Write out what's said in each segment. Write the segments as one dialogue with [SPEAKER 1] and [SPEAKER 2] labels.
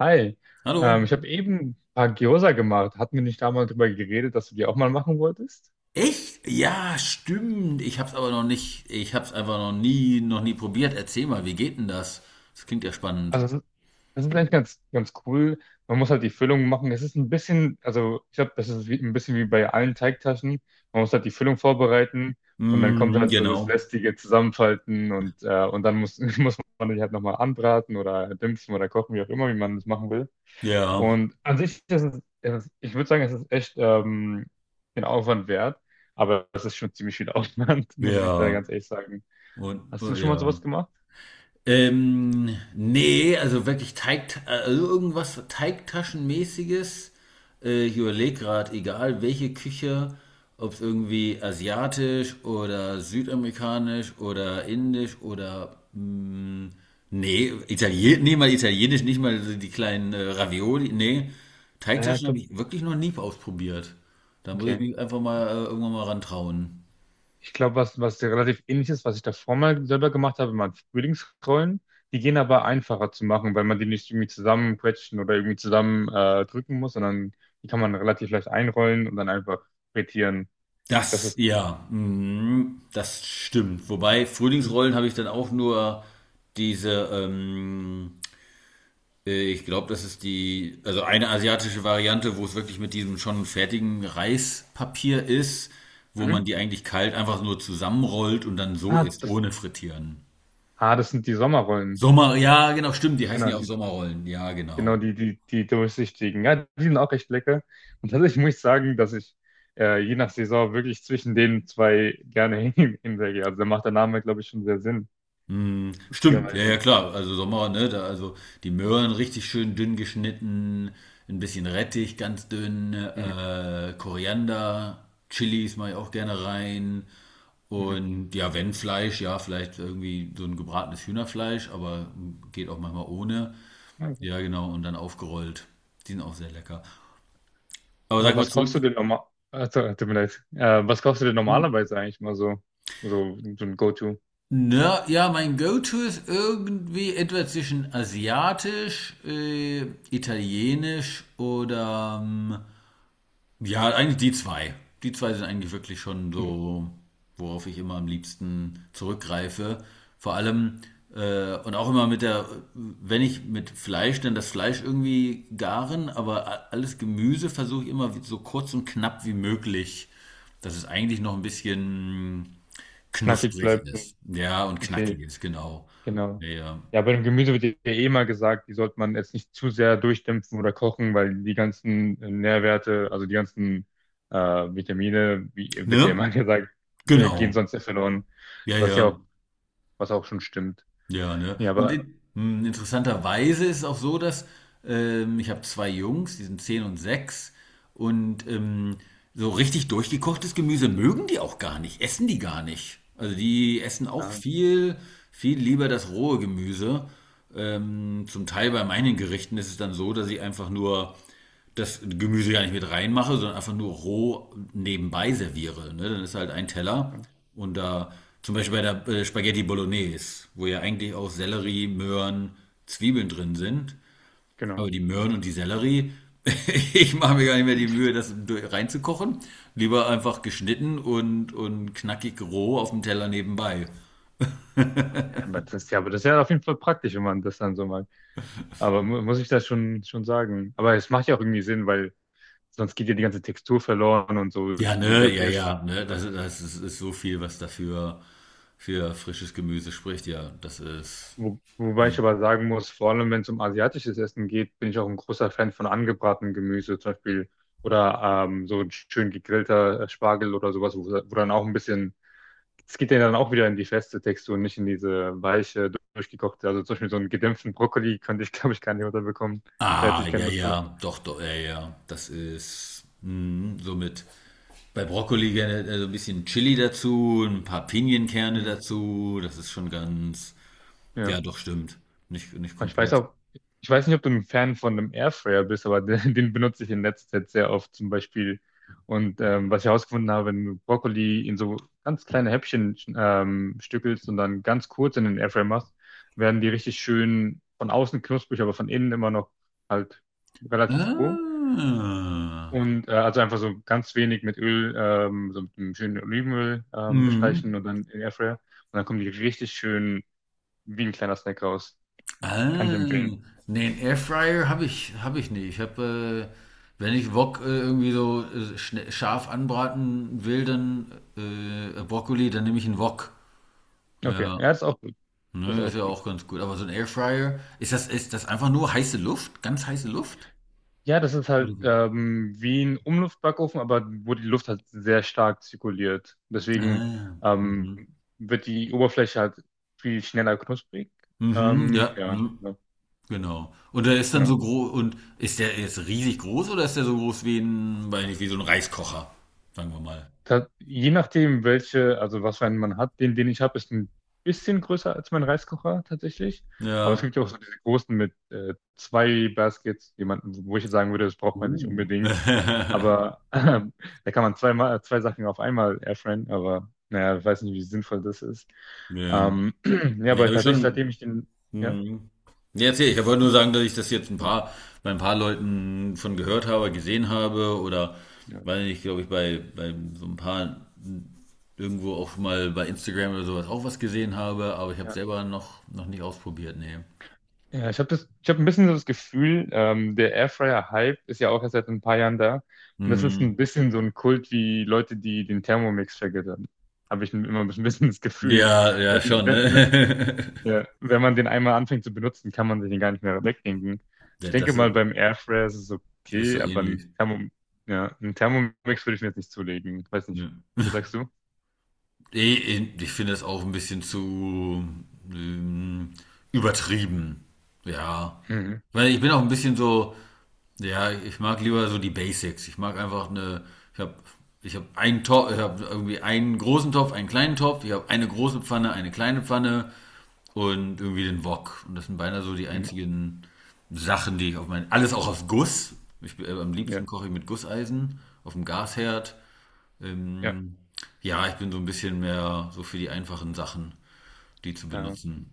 [SPEAKER 1] Hi,
[SPEAKER 2] Hallo.
[SPEAKER 1] ich habe eben ein paar Gyoza gemacht. Hatten wir nicht da mal drüber geredet, dass du die auch mal machen wolltest?
[SPEAKER 2] Echt? Ja, stimmt. Ich hab's aber noch nicht, ich hab's einfach noch nie probiert. Erzähl mal, wie geht denn das? Das klingt ja spannend.
[SPEAKER 1] Also das ist eigentlich ganz, ganz cool. Man muss halt die Füllung machen. Es ist ein bisschen, also ich glaube, das ist wie, ein bisschen wie bei allen Teigtaschen. Man muss halt die Füllung vorbereiten, und dann kommt
[SPEAKER 2] Mm,
[SPEAKER 1] halt so das
[SPEAKER 2] genau.
[SPEAKER 1] lästige Zusammenfalten und dann muss man die halt nochmal anbraten oder dämpfen oder kochen, wie auch immer, wie man das machen will.
[SPEAKER 2] Ja,
[SPEAKER 1] Und an sich ist es, ich würde sagen, es ist echt den Aufwand wert, aber es ist schon ziemlich viel Aufwand, muss ich da
[SPEAKER 2] ja.
[SPEAKER 1] ganz ehrlich sagen.
[SPEAKER 2] Und,
[SPEAKER 1] Hast du
[SPEAKER 2] und
[SPEAKER 1] schon mal
[SPEAKER 2] ja.
[SPEAKER 1] sowas gemacht?
[SPEAKER 2] Nee, also wirklich Teig, also irgendwas Teigtaschenmäßiges. Ich überlege gerade, egal welche Küche, ob es irgendwie asiatisch oder südamerikanisch oder indisch oder nee, Italien, nee, mal italienisch, nicht mal so die kleinen Ravioli, nee.
[SPEAKER 1] Naja,
[SPEAKER 2] Teigtaschen habe
[SPEAKER 1] top.
[SPEAKER 2] ich wirklich noch nie ausprobiert. Da muss ich
[SPEAKER 1] Okay.
[SPEAKER 2] mich einfach mal irgendwann mal rantrauen.
[SPEAKER 1] Ich glaube, was relativ ähnlich ist, was ich davor mal selber gemacht habe, waren Frühlingsrollen. Die gehen aber einfacher zu machen, weil man die nicht irgendwie zusammenquetschen oder irgendwie zusammen drücken muss, sondern die kann man relativ leicht einrollen und dann einfach frittieren. Das
[SPEAKER 2] Das,
[SPEAKER 1] ist.
[SPEAKER 2] ja, mhm, das stimmt. Wobei Frühlingsrollen habe ich dann auch nur diese, ich glaube, das ist die, also eine asiatische Variante, wo es wirklich mit diesem schon fertigen Reispapier ist, wo man
[SPEAKER 1] Mhm.
[SPEAKER 2] die eigentlich kalt einfach nur zusammenrollt und dann so
[SPEAKER 1] Ah,
[SPEAKER 2] isst,
[SPEAKER 1] das,
[SPEAKER 2] ohne frittieren.
[SPEAKER 1] das sind die Sommerrollen.
[SPEAKER 2] Sommer, ja, genau, stimmt, die heißen
[SPEAKER 1] Genau,
[SPEAKER 2] ja auch
[SPEAKER 1] die
[SPEAKER 2] Sommerrollen, ja,
[SPEAKER 1] Genau,
[SPEAKER 2] genau.
[SPEAKER 1] die, die, die durchsichtigen. Ja, die sind auch echt lecker. Und tatsächlich muss ich sagen, dass ich je nach Saison wirklich zwischen den zwei gerne hinwege. Also da macht der Name, glaube ich, schon sehr Sinn,
[SPEAKER 2] Mm, stimmt, ja, ja,
[SPEAKER 1] lustigerweise.
[SPEAKER 2] klar. Also Sommer, ne? Da, also die Möhren richtig schön dünn geschnitten, ein bisschen Rettich ganz dünn,
[SPEAKER 1] Mhm.
[SPEAKER 2] Koriander, Chilis mache ich auch gerne rein.
[SPEAKER 1] Mhm.
[SPEAKER 2] Und ja, wenn Fleisch, ja, vielleicht irgendwie so ein gebratenes Hühnerfleisch, aber geht auch manchmal ohne.
[SPEAKER 1] Ja.
[SPEAKER 2] Ja, genau, und dann aufgerollt. Die sind auch sehr lecker. Aber sag
[SPEAKER 1] Aber
[SPEAKER 2] mal
[SPEAKER 1] was kochst
[SPEAKER 2] zurück.
[SPEAKER 1] du denn normal? Tut mir leid. Was kochst du denn
[SPEAKER 2] Hm?
[SPEAKER 1] normalerweise eigentlich mal so? So ein Go-To.
[SPEAKER 2] Na, ja, mein Go-To ist irgendwie etwa zwischen asiatisch, italienisch oder ja, eigentlich die zwei. Die zwei sind eigentlich wirklich schon
[SPEAKER 1] Okay.
[SPEAKER 2] so, worauf ich immer am liebsten zurückgreife. Vor allem und auch immer mit der, wenn ich mit Fleisch, dann das Fleisch irgendwie garen, aber alles Gemüse versuche ich immer so kurz und knapp wie möglich, dass es eigentlich noch ein bisschen
[SPEAKER 1] Knackig
[SPEAKER 2] knusprig
[SPEAKER 1] bleibt.
[SPEAKER 2] ist. Ja, und knackig
[SPEAKER 1] Okay.
[SPEAKER 2] ist, genau.
[SPEAKER 1] Genau.
[SPEAKER 2] Ja, ja.
[SPEAKER 1] Ja, bei dem Gemüse wird ja eh immer gesagt, die sollte man jetzt nicht zu sehr durchdämpfen oder kochen, weil die ganzen Nährwerte, also die ganzen Vitamine, wie wird ja
[SPEAKER 2] Ne?
[SPEAKER 1] immer gesagt, gehen
[SPEAKER 2] Genau.
[SPEAKER 1] sonst ja verloren,
[SPEAKER 2] Ja,
[SPEAKER 1] was ja
[SPEAKER 2] ja.
[SPEAKER 1] auch, was auch schon stimmt.
[SPEAKER 2] Ja, ne?
[SPEAKER 1] Ja,
[SPEAKER 2] Und
[SPEAKER 1] aber
[SPEAKER 2] in, mh, interessanterweise ist es auch so, dass ich habe zwei Jungs, die sind 10 und 6. Und so richtig durchgekochtes Gemüse mögen die auch gar nicht, essen die gar nicht. Also die essen auch
[SPEAKER 1] ja,
[SPEAKER 2] viel, viel lieber das rohe Gemüse. Zum Teil bei meinen Gerichten ist es dann so, dass ich einfach nur das Gemüse gar nicht mit reinmache, sondern einfach nur roh nebenbei serviere. Ne? Dann ist halt ein Teller und da zum Beispiel bei der Spaghetti Bolognese, wo ja eigentlich auch Sellerie, Möhren, Zwiebeln drin sind.
[SPEAKER 1] genau.
[SPEAKER 2] Aber die Möhren und die Sellerie, ich mache mir gar nicht mehr die Mühe, das reinzukochen. Lieber einfach geschnitten und knackig roh auf dem Teller nebenbei.
[SPEAKER 1] Ja, aber das ist ja auf jeden Fall praktisch, wenn man das dann so mag. Aber mu muss ich das schon sagen. Aber es macht ja auch irgendwie Sinn, weil sonst geht ja die ganze Textur verloren und so
[SPEAKER 2] Ja, ne,
[SPEAKER 1] der
[SPEAKER 2] ja,
[SPEAKER 1] Biss.
[SPEAKER 2] ja, ne, das, das ist so viel, was dafür für frisches Gemüse spricht. Ja, das ist.
[SPEAKER 1] Wobei ich
[SPEAKER 2] Hm.
[SPEAKER 1] aber sagen muss, vor allem wenn es um asiatisches Essen geht, bin ich auch ein großer Fan von angebratenem Gemüse, zum Beispiel oder so ein schön gegrillter Spargel oder sowas, wo dann auch ein bisschen, es geht ja dann auch wieder in die feste Textur, nicht in diese weiche, durchgekochte. Also zum Beispiel so einen gedämpften Brokkoli könnte ich, glaube ich, gar nicht unterbekommen. Da hätte
[SPEAKER 2] Ah,
[SPEAKER 1] ich keine
[SPEAKER 2] ja,
[SPEAKER 1] Lust drauf.
[SPEAKER 2] ja, doch, doch, ja, ja. Somit bei Brokkoli gerne so ein bisschen Chili dazu, ein paar Pinienkerne
[SPEAKER 1] Mhm.
[SPEAKER 2] dazu. Das ist schon ganz,
[SPEAKER 1] Ja.
[SPEAKER 2] ja, doch, stimmt. Nicht
[SPEAKER 1] Ich weiß
[SPEAKER 2] komplett.
[SPEAKER 1] auch, ich weiß nicht, ob du ein Fan von einem Airfryer bist, aber den benutze ich in letzter Zeit sehr oft zum Beispiel. Und was ich herausgefunden habe: wenn du Brokkoli in so ganz kleine Häppchen stückelst und dann ganz kurz in den Airfryer machst, werden die richtig schön von außen knusprig, aber von innen immer noch halt relativ roh.
[SPEAKER 2] Ah,
[SPEAKER 1] Und also einfach so ganz wenig mit Öl, so mit einem schönen Olivenöl bestreichen
[SPEAKER 2] mhm.
[SPEAKER 1] und dann in den Airfryer. Und dann kommen die richtig schön wie ein kleiner Snack raus. Kann ich
[SPEAKER 2] Ah,
[SPEAKER 1] empfehlen.
[SPEAKER 2] nee, einen Airfryer habe ich nicht. Wenn ich Wok irgendwie so scharf anbraten will, dann Brokkoli, dann nehme ich einen Wok.
[SPEAKER 1] Okay,
[SPEAKER 2] Ja.
[SPEAKER 1] ja, ist auch gut. Das
[SPEAKER 2] Ne,
[SPEAKER 1] ist
[SPEAKER 2] ist
[SPEAKER 1] auch
[SPEAKER 2] ja
[SPEAKER 1] gut.
[SPEAKER 2] auch ganz gut. Aber so ein Airfryer, ist das einfach nur heiße Luft? Ganz heiße Luft?
[SPEAKER 1] Ja, das ist halt
[SPEAKER 2] Oder wie?
[SPEAKER 1] wie ein Umluftbackofen, aber wo die Luft halt sehr stark zirkuliert.
[SPEAKER 2] Ah,
[SPEAKER 1] Deswegen
[SPEAKER 2] ja.
[SPEAKER 1] ähm,
[SPEAKER 2] Mhm.
[SPEAKER 1] wird die Oberfläche halt viel schneller knusprig.
[SPEAKER 2] Mhm, ja,
[SPEAKER 1] Ja,
[SPEAKER 2] mhm,
[SPEAKER 1] ja,
[SPEAKER 2] genau. Und der ist dann
[SPEAKER 1] genau.
[SPEAKER 2] so groß, und ist der jetzt riesig groß oder ist der so groß wie ein, weiß nicht, wie so ein Reiskocher? Sagen wir mal.
[SPEAKER 1] Da, je nachdem, welche, also was für einen man hat, den ich habe, ist ein bisschen größer als mein Reiskocher tatsächlich. Aber es
[SPEAKER 2] Ja.
[SPEAKER 1] gibt ja auch so diese großen mit zwei Baskets, jemanden, wo ich jetzt sagen würde, das braucht man nicht unbedingt.
[SPEAKER 2] Uh.
[SPEAKER 1] Aber da kann man zwei Sachen auf einmal airfryen, aber naja, ich weiß nicht, wie sinnvoll das ist.
[SPEAKER 2] Ne,
[SPEAKER 1] Ähm, ja,
[SPEAKER 2] ne,
[SPEAKER 1] aber
[SPEAKER 2] habe ich
[SPEAKER 1] tatsächlich,
[SPEAKER 2] schon.
[SPEAKER 1] seitdem ich den, ja,
[SPEAKER 2] Mhm. Ja, erzähl, ich wollte nur sagen, dass ich das jetzt ein
[SPEAKER 1] also,
[SPEAKER 2] paar, bei ein paar Leuten von gehört habe, gesehen habe oder
[SPEAKER 1] ja,
[SPEAKER 2] weil ich glaube ich bei, so ein paar irgendwo auch schon mal bei Instagram oder sowas auch was gesehen habe, aber ich habe
[SPEAKER 1] ja.
[SPEAKER 2] selber noch, noch nicht ausprobiert, nee.
[SPEAKER 1] Ja, ich habe das, ich habe ein bisschen so das Gefühl, der Airfryer-Hype ist ja auch erst seit ein paar Jahren da. Und das ist ein
[SPEAKER 2] Mhm.
[SPEAKER 1] bisschen so ein Kult wie Leute, die den Thermomix vergöttern. Habe ich immer ein bisschen das Gefühl,
[SPEAKER 2] Ja, ja,
[SPEAKER 1] wenn,
[SPEAKER 2] schon, ne?
[SPEAKER 1] wenn, wenn, ja, wenn man den einmal anfängt zu benutzen, kann man den gar nicht mehr wegdenken. Ich
[SPEAKER 2] Ja,
[SPEAKER 1] denke
[SPEAKER 2] das ist,
[SPEAKER 1] mal, beim Airfryer ist es
[SPEAKER 2] ist so
[SPEAKER 1] okay, aber
[SPEAKER 2] ähnlich.
[SPEAKER 1] Ja, ein Thermomix würde ich mir jetzt nicht zulegen. Weiß nicht.
[SPEAKER 2] Ja.
[SPEAKER 1] Was sagst du?
[SPEAKER 2] Ich finde es auch ein bisschen zu ähm, übertrieben. Ja.
[SPEAKER 1] Mhm.
[SPEAKER 2] Weil ich bin auch ein bisschen so, ja, ich mag lieber so die Basics. Ich mag einfach eine, ich habe ich hab einen Topf, ich habe irgendwie einen großen Topf, einen kleinen Topf, ich habe eine große Pfanne, eine kleine Pfanne und irgendwie den Wok. Und das sind beinahe so die
[SPEAKER 1] Mhm.
[SPEAKER 2] einzigen Sachen, die ich auf meinen, alles auch auf Guss. Am liebsten
[SPEAKER 1] Ja,
[SPEAKER 2] koche ich mit Gusseisen, auf dem Gasherd.
[SPEAKER 1] ja,
[SPEAKER 2] Ähm, ja, ich bin so ein bisschen mehr so für die einfachen Sachen, die zu
[SPEAKER 1] äh,
[SPEAKER 2] benutzen.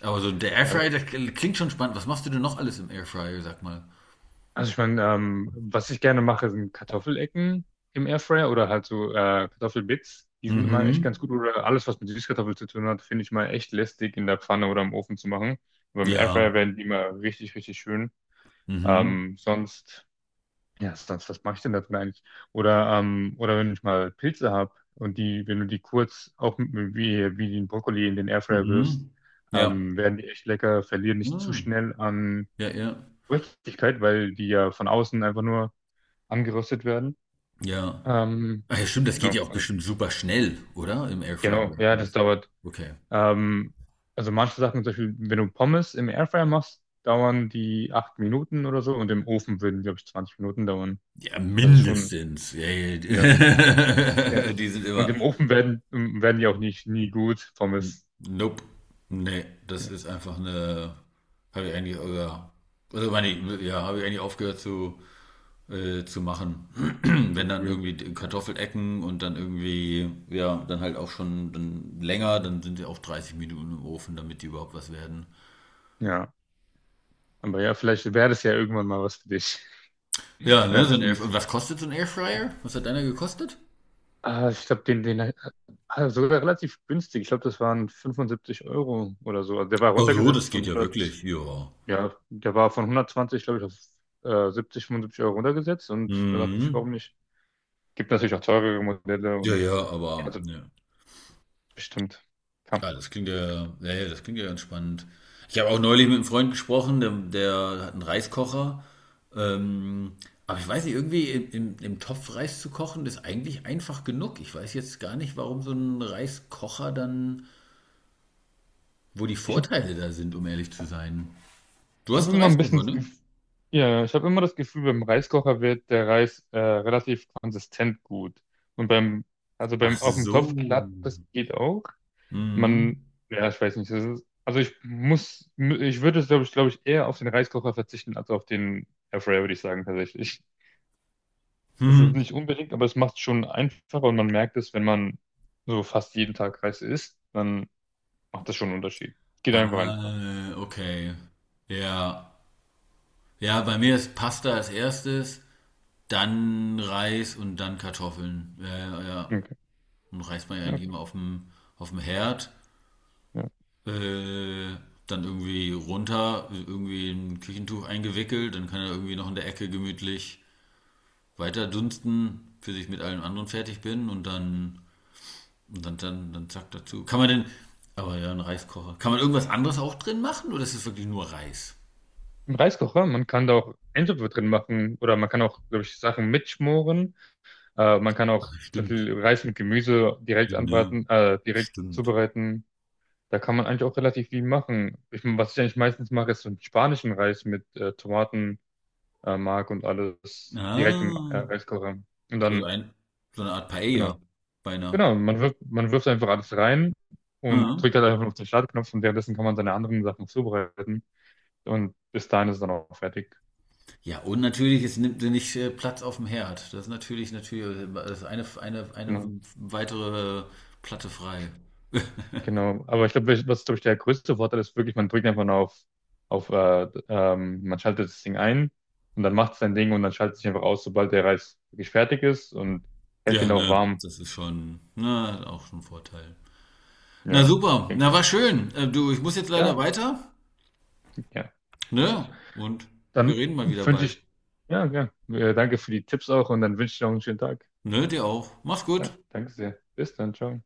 [SPEAKER 2] Aber so der
[SPEAKER 1] ja.
[SPEAKER 2] Airfryer, das klingt schon spannend. Was machst du denn noch alles im Airfryer, sag mal?
[SPEAKER 1] Also ich meine, was ich gerne mache, sind Kartoffelecken im Airfryer oder halt so Kartoffelbits. Die sind immer echt ganz
[SPEAKER 2] Mhm.
[SPEAKER 1] gut. Oder alles, was mit Süßkartoffeln zu tun hat, finde ich mal echt lästig in der Pfanne oder im Ofen zu machen. Aber im Airfryer
[SPEAKER 2] Ja.
[SPEAKER 1] werden die immer richtig, richtig schön.
[SPEAKER 2] Mhm.
[SPEAKER 1] Ähm, sonst, ja, sonst, was mache ich denn dazu eigentlich? Oder, oder wenn ich mal Pilze habe und wenn du die kurz auch wie den Brokkoli in den Airfryer wirfst,
[SPEAKER 2] Mhm. Ja.
[SPEAKER 1] werden die echt lecker, verlieren nicht zu
[SPEAKER 2] Mhm.
[SPEAKER 1] schnell an
[SPEAKER 2] Ja, ja.
[SPEAKER 1] Richtigkeit, weil die ja von außen einfach nur angeröstet werden.
[SPEAKER 2] Ja.
[SPEAKER 1] Ähm,
[SPEAKER 2] Ach ja, stimmt, das geht
[SPEAKER 1] genau,
[SPEAKER 2] ja auch
[SPEAKER 1] also,
[SPEAKER 2] bestimmt super schnell, oder? Im Airfryer
[SPEAKER 1] genau, ja, das
[SPEAKER 2] alles.
[SPEAKER 1] dauert.
[SPEAKER 2] Okay.
[SPEAKER 1] Ähm, also manche Sachen, zum Beispiel, wenn du Pommes im Airfryer machst, dauern die 8 Minuten oder so, und im Ofen würden, glaube ich, 20 Minuten dauern.
[SPEAKER 2] Ja,
[SPEAKER 1] Das ist schon,
[SPEAKER 2] mindestens. Ja,
[SPEAKER 1] ja, ja.
[SPEAKER 2] ja. Die sind
[SPEAKER 1] Und
[SPEAKER 2] immer
[SPEAKER 1] im Ofen werden die auch nicht nie gut, Pommes,
[SPEAKER 2] Nope. Nee, das
[SPEAKER 1] ja,
[SPEAKER 2] ist einfach eine. Habe ich eigentlich, ja, also meine, ich, ja, habe ich eigentlich aufgehört zu machen.
[SPEAKER 1] zu, zu
[SPEAKER 2] Wenn dann
[SPEAKER 1] probieren.
[SPEAKER 2] irgendwie die
[SPEAKER 1] Ja,
[SPEAKER 2] Kartoffelecken und dann irgendwie, ja, dann halt auch schon dann länger, dann sind sie auch 30 Minuten im Ofen, damit die überhaupt was werden.
[SPEAKER 1] ja. Aber ja, vielleicht wäre das ja irgendwann mal was für dich.
[SPEAKER 2] Ja, ne,
[SPEAKER 1] Ja,
[SPEAKER 2] so ein Airfryer. Und
[SPEAKER 1] zunächst.
[SPEAKER 2] was kostet so ein Airfryer? Was hat einer gekostet?
[SPEAKER 1] Ah, ich glaube, sogar relativ günstig. Ich glaube, das waren 75 € oder so. Also der war
[SPEAKER 2] Ach so,
[SPEAKER 1] runtergesetzt
[SPEAKER 2] das
[SPEAKER 1] von
[SPEAKER 2] geht ja wirklich,
[SPEAKER 1] 100,
[SPEAKER 2] ja.
[SPEAKER 1] ja, der war von 120, glaube ich, auf 70, 75 € runtergesetzt. Und da dachte ich, warum
[SPEAKER 2] Mhm.
[SPEAKER 1] nicht? Gibt natürlich auch teurere Modelle
[SPEAKER 2] Ja,
[SPEAKER 1] und
[SPEAKER 2] ja,
[SPEAKER 1] ja,
[SPEAKER 2] aber,
[SPEAKER 1] also
[SPEAKER 2] ja.
[SPEAKER 1] bestimmt. Ja.
[SPEAKER 2] Ja, das klingt ja, ja, ja, das klingt ja ganz spannend. Ich habe auch neulich mit einem Freund gesprochen, der hat einen Reiskocher. Ähm, aber ich weiß nicht, irgendwie im Topf Reis zu kochen, ist eigentlich einfach genug. Ich weiß jetzt gar nicht, warum so ein Reiskocher dann, wo die
[SPEAKER 1] Ich habe
[SPEAKER 2] Vorteile da sind, um ehrlich zu sein. Du
[SPEAKER 1] ich hab
[SPEAKER 2] hast einen
[SPEAKER 1] immer ein bisschen,
[SPEAKER 2] Reiskocher, ne?
[SPEAKER 1] Ja, ich habe immer das Gefühl, beim Reiskocher wird der Reis relativ konsistent gut. Und beim, also
[SPEAKER 2] Ach
[SPEAKER 1] beim auf dem Topf
[SPEAKER 2] so.
[SPEAKER 1] klappt das, geht auch. Man,
[SPEAKER 2] Mhm.
[SPEAKER 1] ja, ich weiß nicht. Das ist, also ich muss, ich würde es, glaube ich, eher auf den Reiskocher verzichten als auf den Airfryer, würde ich sagen, tatsächlich. Es ist
[SPEAKER 2] Hm.
[SPEAKER 1] nicht unbedingt, aber es macht es schon einfacher, und man merkt es, wenn man so fast jeden Tag Reis isst, dann macht das schon einen Unterschied. Geht einfach einfach.
[SPEAKER 2] Ah, okay. Ja. Ja, bei mir ist Pasta als erstes, dann Reis und dann Kartoffeln. Ja, ja, ja.
[SPEAKER 1] Okay.
[SPEAKER 2] Und Reis man ja
[SPEAKER 1] Ja,
[SPEAKER 2] eigentlich
[SPEAKER 1] okay.
[SPEAKER 2] immer auf dem, Herd.
[SPEAKER 1] Ja.
[SPEAKER 2] Äh, dann irgendwie runter, irgendwie in ein Küchentuch eingewickelt. Dann kann er irgendwie noch in der Ecke gemütlich weiter dunsten, bis ich mit allem anderen fertig bin. Und dann zack dazu. Kann man denn, aber ja, ein Reiskocher. Kann man irgendwas anderes auch drin machen oder ist es wirklich nur Reis?
[SPEAKER 1] Im Reiskocher, man kann da auch Eintöpfe drin machen oder man kann auch, glaube ich, Sachen mitschmoren. Man kann
[SPEAKER 2] Ah,
[SPEAKER 1] auch zum
[SPEAKER 2] stimmt.
[SPEAKER 1] Beispiel Reis mit Gemüse direkt
[SPEAKER 2] Ja, ne?
[SPEAKER 1] anbraten, direkt
[SPEAKER 2] Stimmt.
[SPEAKER 1] zubereiten. Da kann man eigentlich auch relativ viel machen. Ich meine, was ich eigentlich meistens mache, ist so einen spanischen Reis mit Tomaten, Mark und alles direkt im
[SPEAKER 2] Ah,
[SPEAKER 1] Reiskocher. Und
[SPEAKER 2] also
[SPEAKER 1] dann,
[SPEAKER 2] ein, so eine Art Paella,
[SPEAKER 1] genau,
[SPEAKER 2] beinahe.
[SPEAKER 1] genau, man wirft einfach alles rein und
[SPEAKER 2] Ja.
[SPEAKER 1] drückt halt einfach auf den Startknopf, und währenddessen kann man seine anderen Sachen zubereiten. Und bis dahin ist es dann auch fertig.
[SPEAKER 2] Ja, und natürlich, es nimmt dir nicht Platz auf dem Herd. Das ist natürlich, das ist eine, eine,
[SPEAKER 1] Genau.
[SPEAKER 2] eine weitere Platte frei.
[SPEAKER 1] Genau, aber ich glaube, was glaube ich der größte Vorteil ist, wirklich, man drückt einfach nur auf man schaltet das Ding ein, und dann macht es sein Ding und dann schaltet es sich einfach aus, sobald der Reis wirklich fertig ist, und hält
[SPEAKER 2] Ja,
[SPEAKER 1] den auch
[SPEAKER 2] ne,
[SPEAKER 1] warm.
[SPEAKER 2] das ist schon, na, auch schon ein Vorteil. Na
[SPEAKER 1] Ja,
[SPEAKER 2] super,
[SPEAKER 1] denke ich
[SPEAKER 2] na war
[SPEAKER 1] auch.
[SPEAKER 2] schön. Du, ich muss jetzt leider
[SPEAKER 1] Ja,
[SPEAKER 2] weiter,
[SPEAKER 1] ja. Ich,
[SPEAKER 2] ne? Und wir
[SPEAKER 1] dann
[SPEAKER 2] reden mal wieder
[SPEAKER 1] wünsche
[SPEAKER 2] bald.
[SPEAKER 1] ich, ja, ja, danke für die Tipps auch, und dann wünsche ich noch einen schönen Tag.
[SPEAKER 2] Ne, dir auch. Mach's
[SPEAKER 1] Ja,
[SPEAKER 2] gut.
[SPEAKER 1] danke sehr. Bis dann, ciao.